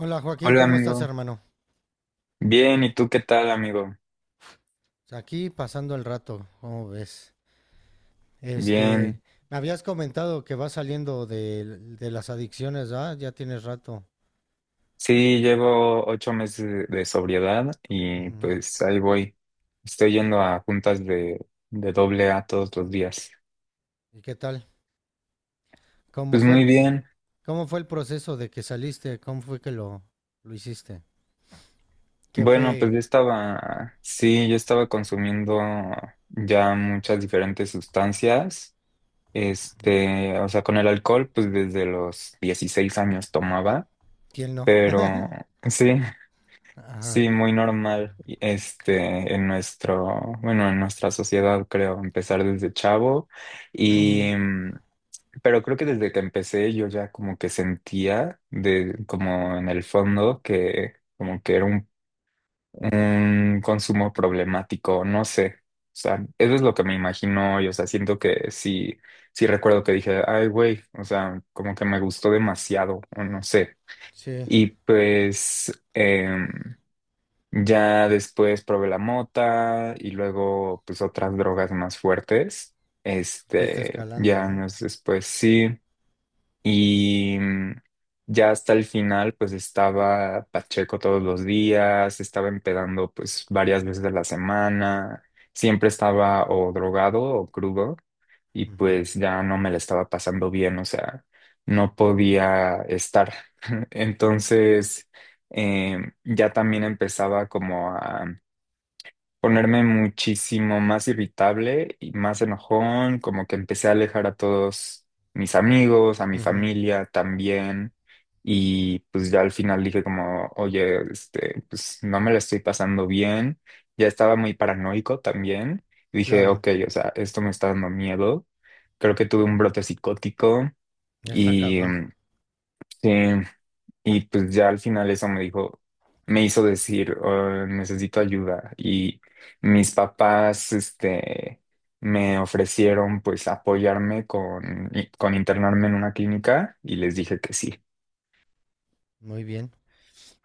Hola Joaquín, Hola ¿cómo estás, amigo, hermano? bien, ¿y tú qué tal amigo? Aquí pasando el rato, ¿cómo ves? Este, Bien, Me habías comentado que vas saliendo de las adicciones, ¿ah? Ya tienes rato. sí, llevo 8 meses de sobriedad y Ujú. pues ahí voy. Estoy yendo a juntas de AA todos los días. ¿Y qué tal? ¿Cómo Pues fue el, muy bien, ¿Cómo fue el proceso de que saliste? ¿Cómo fue que lo, ¿Lo hiciste? ¿Qué bueno, fue? pues yo estaba, sí, yo estaba consumiendo ya muchas diferentes sustancias, este, o sea, con el alcohol pues desde los 16 años tomaba, ¿Quién no? pero sí. Ajá. Sí, muy normal, y, este, en nuestro, bueno, en nuestra sociedad, creo, empezar desde chavo Ujú. y, pero creo que desde que empecé yo ya como que sentía de, como en el fondo que como que era un consumo problemático, no sé, o sea, eso es lo que me imagino y, o sea, siento que sí, sí recuerdo que dije, ay, güey, o sea, como que me gustó demasiado, o no sé, Sí, y pues, ya después probé la mota y luego pues otras drogas más fuertes. fuiste Este, escalando, ya ¿no? años después sí. Y ya hasta el final, pues estaba Pacheco todos los días, estaba empedando pues varias veces a la semana, siempre estaba o drogado o crudo y Ujú. pues ya no me la estaba pasando bien, o sea, no podía estar. Entonces, ya también empezaba como a ponerme muchísimo más irritable y más enojón, como que empecé a alejar a todos mis amigos, a mi Ujú. familia también, y pues ya al final dije como, oye, este, pues no me la estoy pasando bien, ya estaba muy paranoico también, y dije, Claro, ok, o sea, esto me está dando miedo, creo que tuve un brote psicótico ya está y cabrón. Sí, y pues ya al final eso me dijo, me hizo decir, "Oh, necesito ayuda." Y mis papás, este, me ofrecieron pues apoyarme con internarme en una clínica y les Ujú. dije que sí. Muy bien.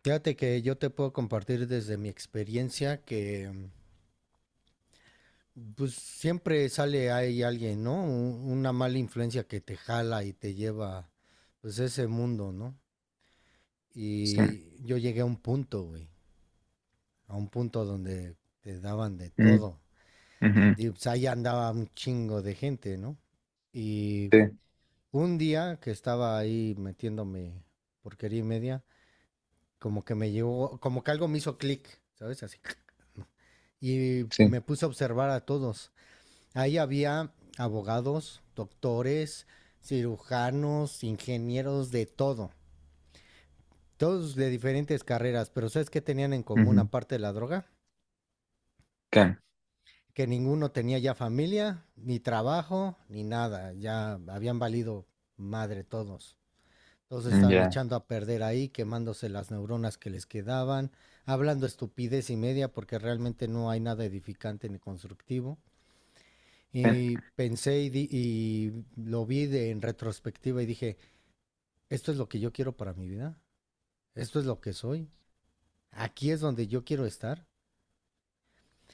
Fíjate que yo te puedo compartir desde mi experiencia que pues siempre sale ahí alguien, ¿no? Una mala influencia que te jala y te lleva, pues, a ese mundo, ¿no? Sí. Y yo llegué a un punto, güey, a un punto donde te daban de Mm, todo. ujú, Y pues ahí andaba un chingo de gente, ¿no? Y sí, un día que estaba ahí metiéndome porquería y media, como que me llegó, como que algo me hizo clic, ¿sabes? Así. Y sí. me puse a observar a todos. Ahí había abogados, doctores, cirujanos, ingenieros, de todo. Todos de diferentes carreras, pero ¿sabes qué tenían en común Ujú. aparte de la droga? ¿Qué? Que ninguno tenía ya familia, ni trabajo, ni nada. Ya habían valido madre todos. Todos Mm. estaban Ya. echando a perder ahí, quemándose las neuronas que les quedaban, hablando estupidez y media porque realmente no hay nada edificante ni constructivo. Sí. Y lo vi de, en retrospectiva y dije, esto es lo que yo quiero para mi vida, esto es lo que soy, aquí es donde yo quiero estar.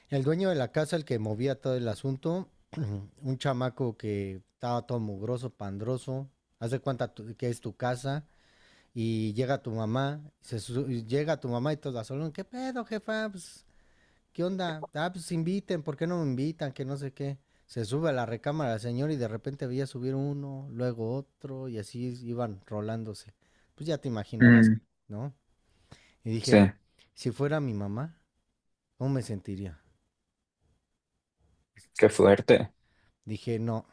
El dueño de la casa, el que movía todo el asunto, un chamaco que estaba todo mugroso, pandroso, que es tu casa y llega tu mamá, llega tu mamá y toda sola, ¿qué pedo, jefa? Pues, ¿qué onda? Ah, pues inviten, ¿por qué no me invitan? Que no sé qué. Se sube a la recámara el señor y de repente veía subir uno, luego otro y así iban rolándose. Pues ya te imaginarás, Mm, ¿no? Y sí. dije, si fuera mi mamá, ¿cómo me sentiría? Qué fuerte. Dije, no,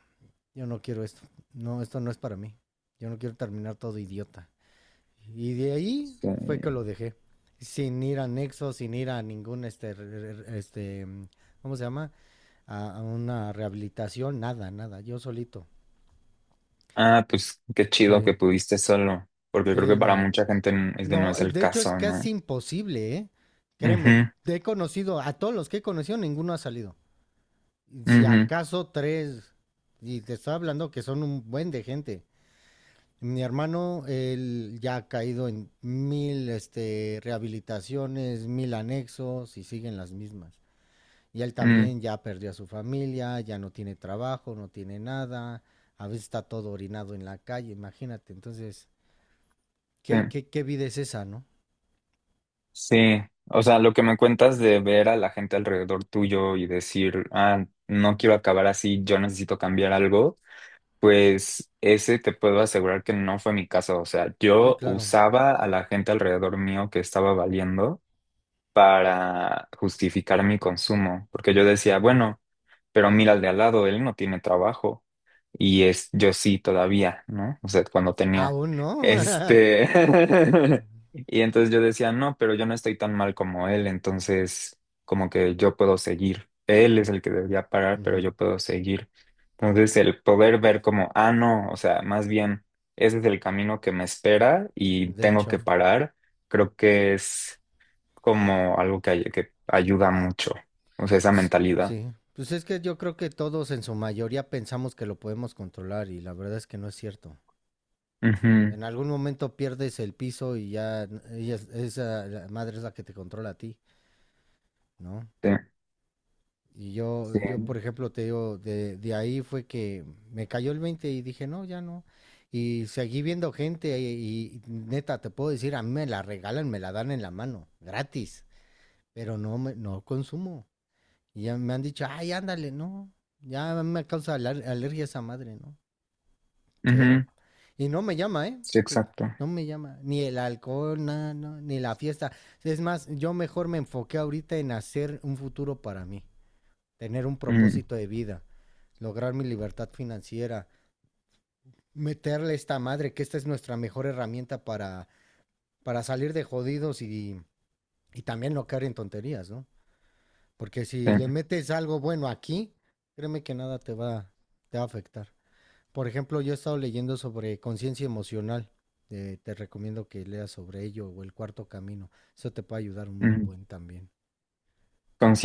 yo no quiero esto. No, esto no es para mí. Yo no quiero terminar todo idiota. Y de ahí fue que Sí. lo dejé. Sin ir a Nexo, sin ir a ningún, este, ¿cómo se llama? A una rehabilitación, nada, nada. Yo solito. Ah, pues qué chido que Sí, pudiste solo, porque creo que sí, para me... mucha gente este no No, es el de hecho es caso, casi ¿no? imposible, ¿eh? Créeme, Ujú, te he conocido, a todos los que he conocido, ninguno ha salido. Si ujú, acaso tres, y te estoy hablando que son un buen de gente. Mi hermano, él ya ha caído en mil este, rehabilitaciones, mil anexos y siguen las mismas. Y él mm, también ya perdió a su familia, ya no tiene trabajo, no tiene nada, a veces está todo orinado en la calle, imagínate. Entonces, sí. ¿Qué vida es esa, no? Sí, o sea, lo que me cuentas de ver a la gente alrededor tuyo y decir, ah, no quiero acabar así, yo necesito cambiar algo, pues ese te puedo asegurar que no fue mi caso. O sea, Sí, yo claro. usaba a la gente alrededor mío que estaba valiendo para justificar mi consumo, porque yo decía, Ujú. bueno, pero mira al de al lado, él no tiene trabajo. Y es, yo sí todavía, ¿no? O sea, cuando tenía, Aún no. este, y entonces yo decía, no, pero yo no estoy tan mal como él, entonces como que yo puedo seguir. Él es el que debería parar, pero Ujú. yo puedo seguir. Entonces el poder ver como, ah, no, o sea, más bien, ese es el camino que me espera y De tengo que hecho. parar, creo que es como algo que, que ayuda mucho, o sea, esa S- mentalidad. Sí, pues es que yo creo que todos en su mayoría pensamos que lo podemos controlar y la verdad es que no es cierto. Ujú, En algún momento pierdes el piso y ya esa la madre es la que te controla a ti, ¿no? sí, Y sí. yo por ejemplo, te digo, de ahí fue que me cayó el 20 y dije, no, ya no. Y seguí viendo gente y neta, te puedo decir, a mí me la regalan, me la dan en la mano, gratis, pero no consumo. Y ya me han dicho, ay, ándale, no. Ya me causa alergia esa madre, ¿no? Cero. Ujú, Y no me llama, ¿eh? sí, Que exacto. no me llama. Ni el alcohol, nada, no, ni la fiesta. Es más, yo mejor me enfoqué ahorita en hacer un futuro para mí. Tener un Mm, propósito de vida. Lograr mi libertad financiera. Meterle esta madre, que esta es nuestra mejor herramienta para salir de jodidos y también no caer en tonterías, ¿no? Porque sí, si le metes algo bueno aquí, créeme que nada te va, te va a afectar. Por ejemplo, yo he estado leyendo sobre conciencia emocional. Eh, te recomiendo que leas sobre ello o el cuarto camino. Eso te puede ayudar un mm. buen también.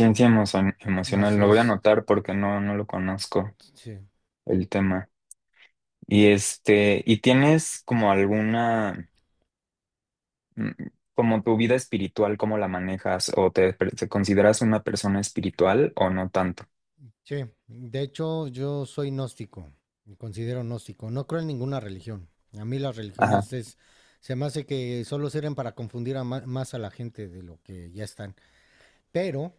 Sí. Emocional, Así lo voy a es. anotar porque no, no lo conozco Sí. el tema. Y este, ¿y tienes como alguna, mm, como tu vida espiritual, cómo la manejas? ¿O te consideras una persona espiritual o no tanto? Sí. De hecho, yo soy gnóstico. Me considero gnóstico. No creo en ninguna religión. A mí las Ajá. religiones es, Se me hace que solo sirven para confundir a más a la gente de lo que ya están. Pero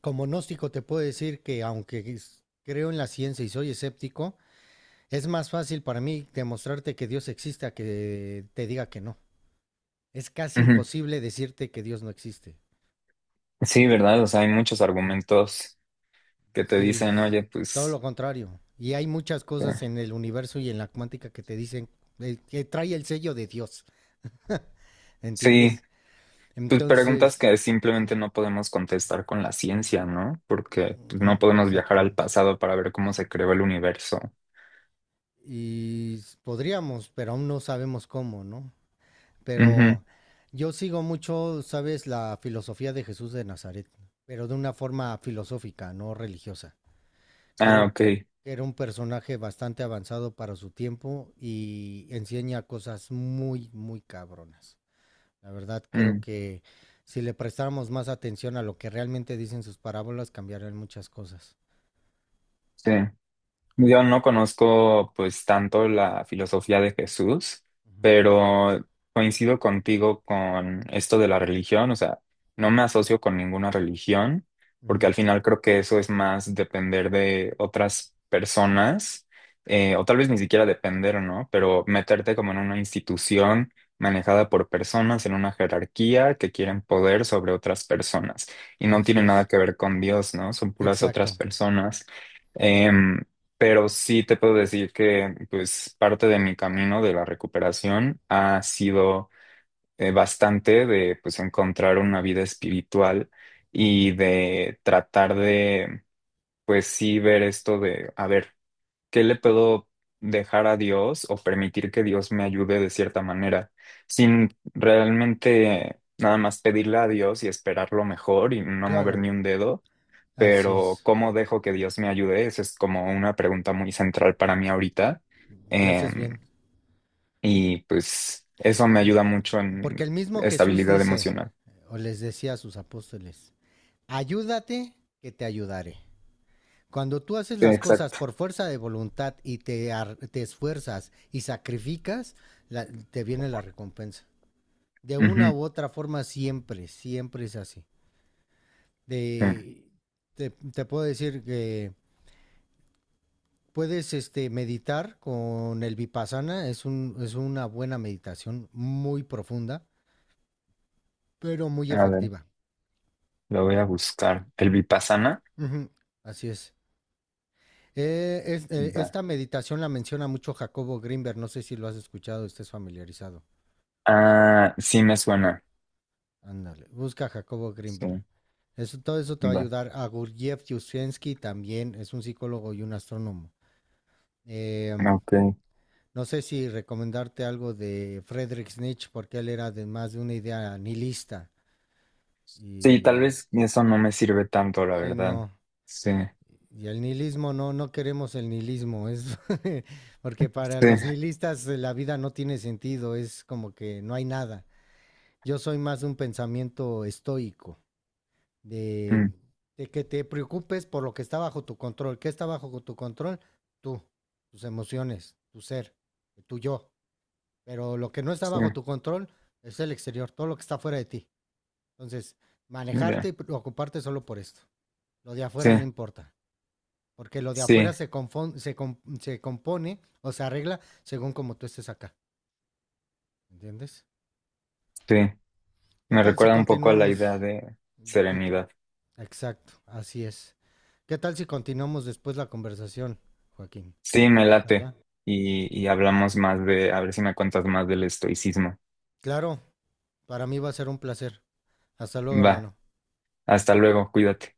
como gnóstico te puedo decir que aunque creo en la ciencia y soy escéptico, es más fácil para mí demostrarte que Dios existe a que te diga que no. Es casi Ujú. imposible decirte que Dios no existe. Sí, ¿verdad? O sea, hay muchos Sí, argumentos que te sí, sí, dicen, sí, oye, todo pues, lo contrario. Y hay muchas cosas eh, en el universo y en la cuántica que te dicen que trae el sello de Dios. sí. ¿Entiendes? Pues preguntas Entonces, que simplemente no podemos contestar con la ciencia, ¿no? Porque pues, ujú, no podemos viajar exacto. al pasado para ver cómo se creó el universo. Y podríamos, pero aún no sabemos cómo, ¿no? Ujú. Pero yo sigo mucho, sabes, la filosofía de Jesús de Nazaret, pero de una forma filosófica, no religiosa. Ah, Creo ok. que era un personaje bastante avanzado para su tiempo y enseña cosas muy, muy cabronas. La verdad, creo Mm, que si le prestáramos más atención a lo que realmente dicen sus parábolas, cambiarían muchas cosas. sí. Yo no conozco pues tanto la filosofía de Jesús, Ujú, pero coincido contigo con esto de la religión, o sea, no me asocio con ninguna religión, porque ujú. al final creo que eso es más depender de otras personas, o tal vez ni siquiera depender, ¿no? Pero meterte como en una institución manejada por personas en una jerarquía que quieren poder sobre otras personas y no Así tiene nada es. que ver con Dios, ¿no? Son puras otras Exacto. personas. Em, pero sí te puedo decir que pues parte de mi camino de la recuperación ha sido bastante de pues encontrar una vida espiritual Ujú. y de tratar de pues sí ver esto de a ver, ¿qué le puedo dejar a Dios o permitir que Dios me ayude de cierta manera sin realmente nada más pedirle a Dios y esperar lo mejor y no mover Claro, ni un dedo? así Pero es. ¿cómo dejo que Dios me ayude? Esa es como una pregunta muy central para mí ahorita. Ya Eh, haces bien. y pues eso me ayuda mucho Porque en el mismo Jesús estabilidad dice, emocional. o les decía a sus apóstoles, ayúdate que te ayudaré. Cuando tú haces Sí, las cosas exacto. por fuerza de voluntad y te esfuerzas y sacrificas, te viene la recompensa. De una Ujú, u otra forma siempre, siempre es así. sí. De, te puedo decir que puedes este, meditar con el vipassana, es una buena meditación muy profunda, pero muy A ver, efectiva. lo voy a buscar. ¿El Vipassana? Ujú. Así es. Va. Esta meditación la menciona mucho Jacobo Grinberg, no sé si lo has escuchado, estés familiarizado. Ah, sí me suena. Ándale, busca a Jacobo Grinberg. Sí, Eso, todo eso te va a va. ayudar. A Gurdjieff Yuzhensky también es un psicólogo y un astrónomo. Em, Ok. no sé si recomendarte algo de Friedrich Nietzsche, porque él era de más de una idea nihilista. Sí, tal Y vez eso no me sirve tanto, la sí, verdad. no, Sí, y el nihilismo, no, no queremos el nihilismo, es porque para los sí, nihilistas la vida no tiene sentido, es como que no hay nada. Yo soy más de un pensamiento estoico, de, mm, de que te preocupes por lo que está bajo tu control. ¿Qué está bajo tu control? Tú, tus emociones, tu ser, tu yo. Pero lo que no está sí, bajo tu control es el exterior, todo lo que está fuera de ti. Entonces, manejarte ya. y preocuparte solo por esto. Lo de Sí, afuera no importa. Porque lo de afuera sí, se, confon- se, com- se compone o se arregla según como tú estés acá. ¿Entiendes? sí. ¿Qué Me tal si recuerda un poco a la idea continuamos? de Di- serenidad. Exacto, así es. ¿Qué tal si continuamos después la conversación, Joaquín? Sí, me ¿Te late. gustaría? Y hablamos más de, a ver si me cuentas más del estoicismo. Claro, para mí va a ser un placer. Hasta luego, Va, hermano. hasta luego, cuídate.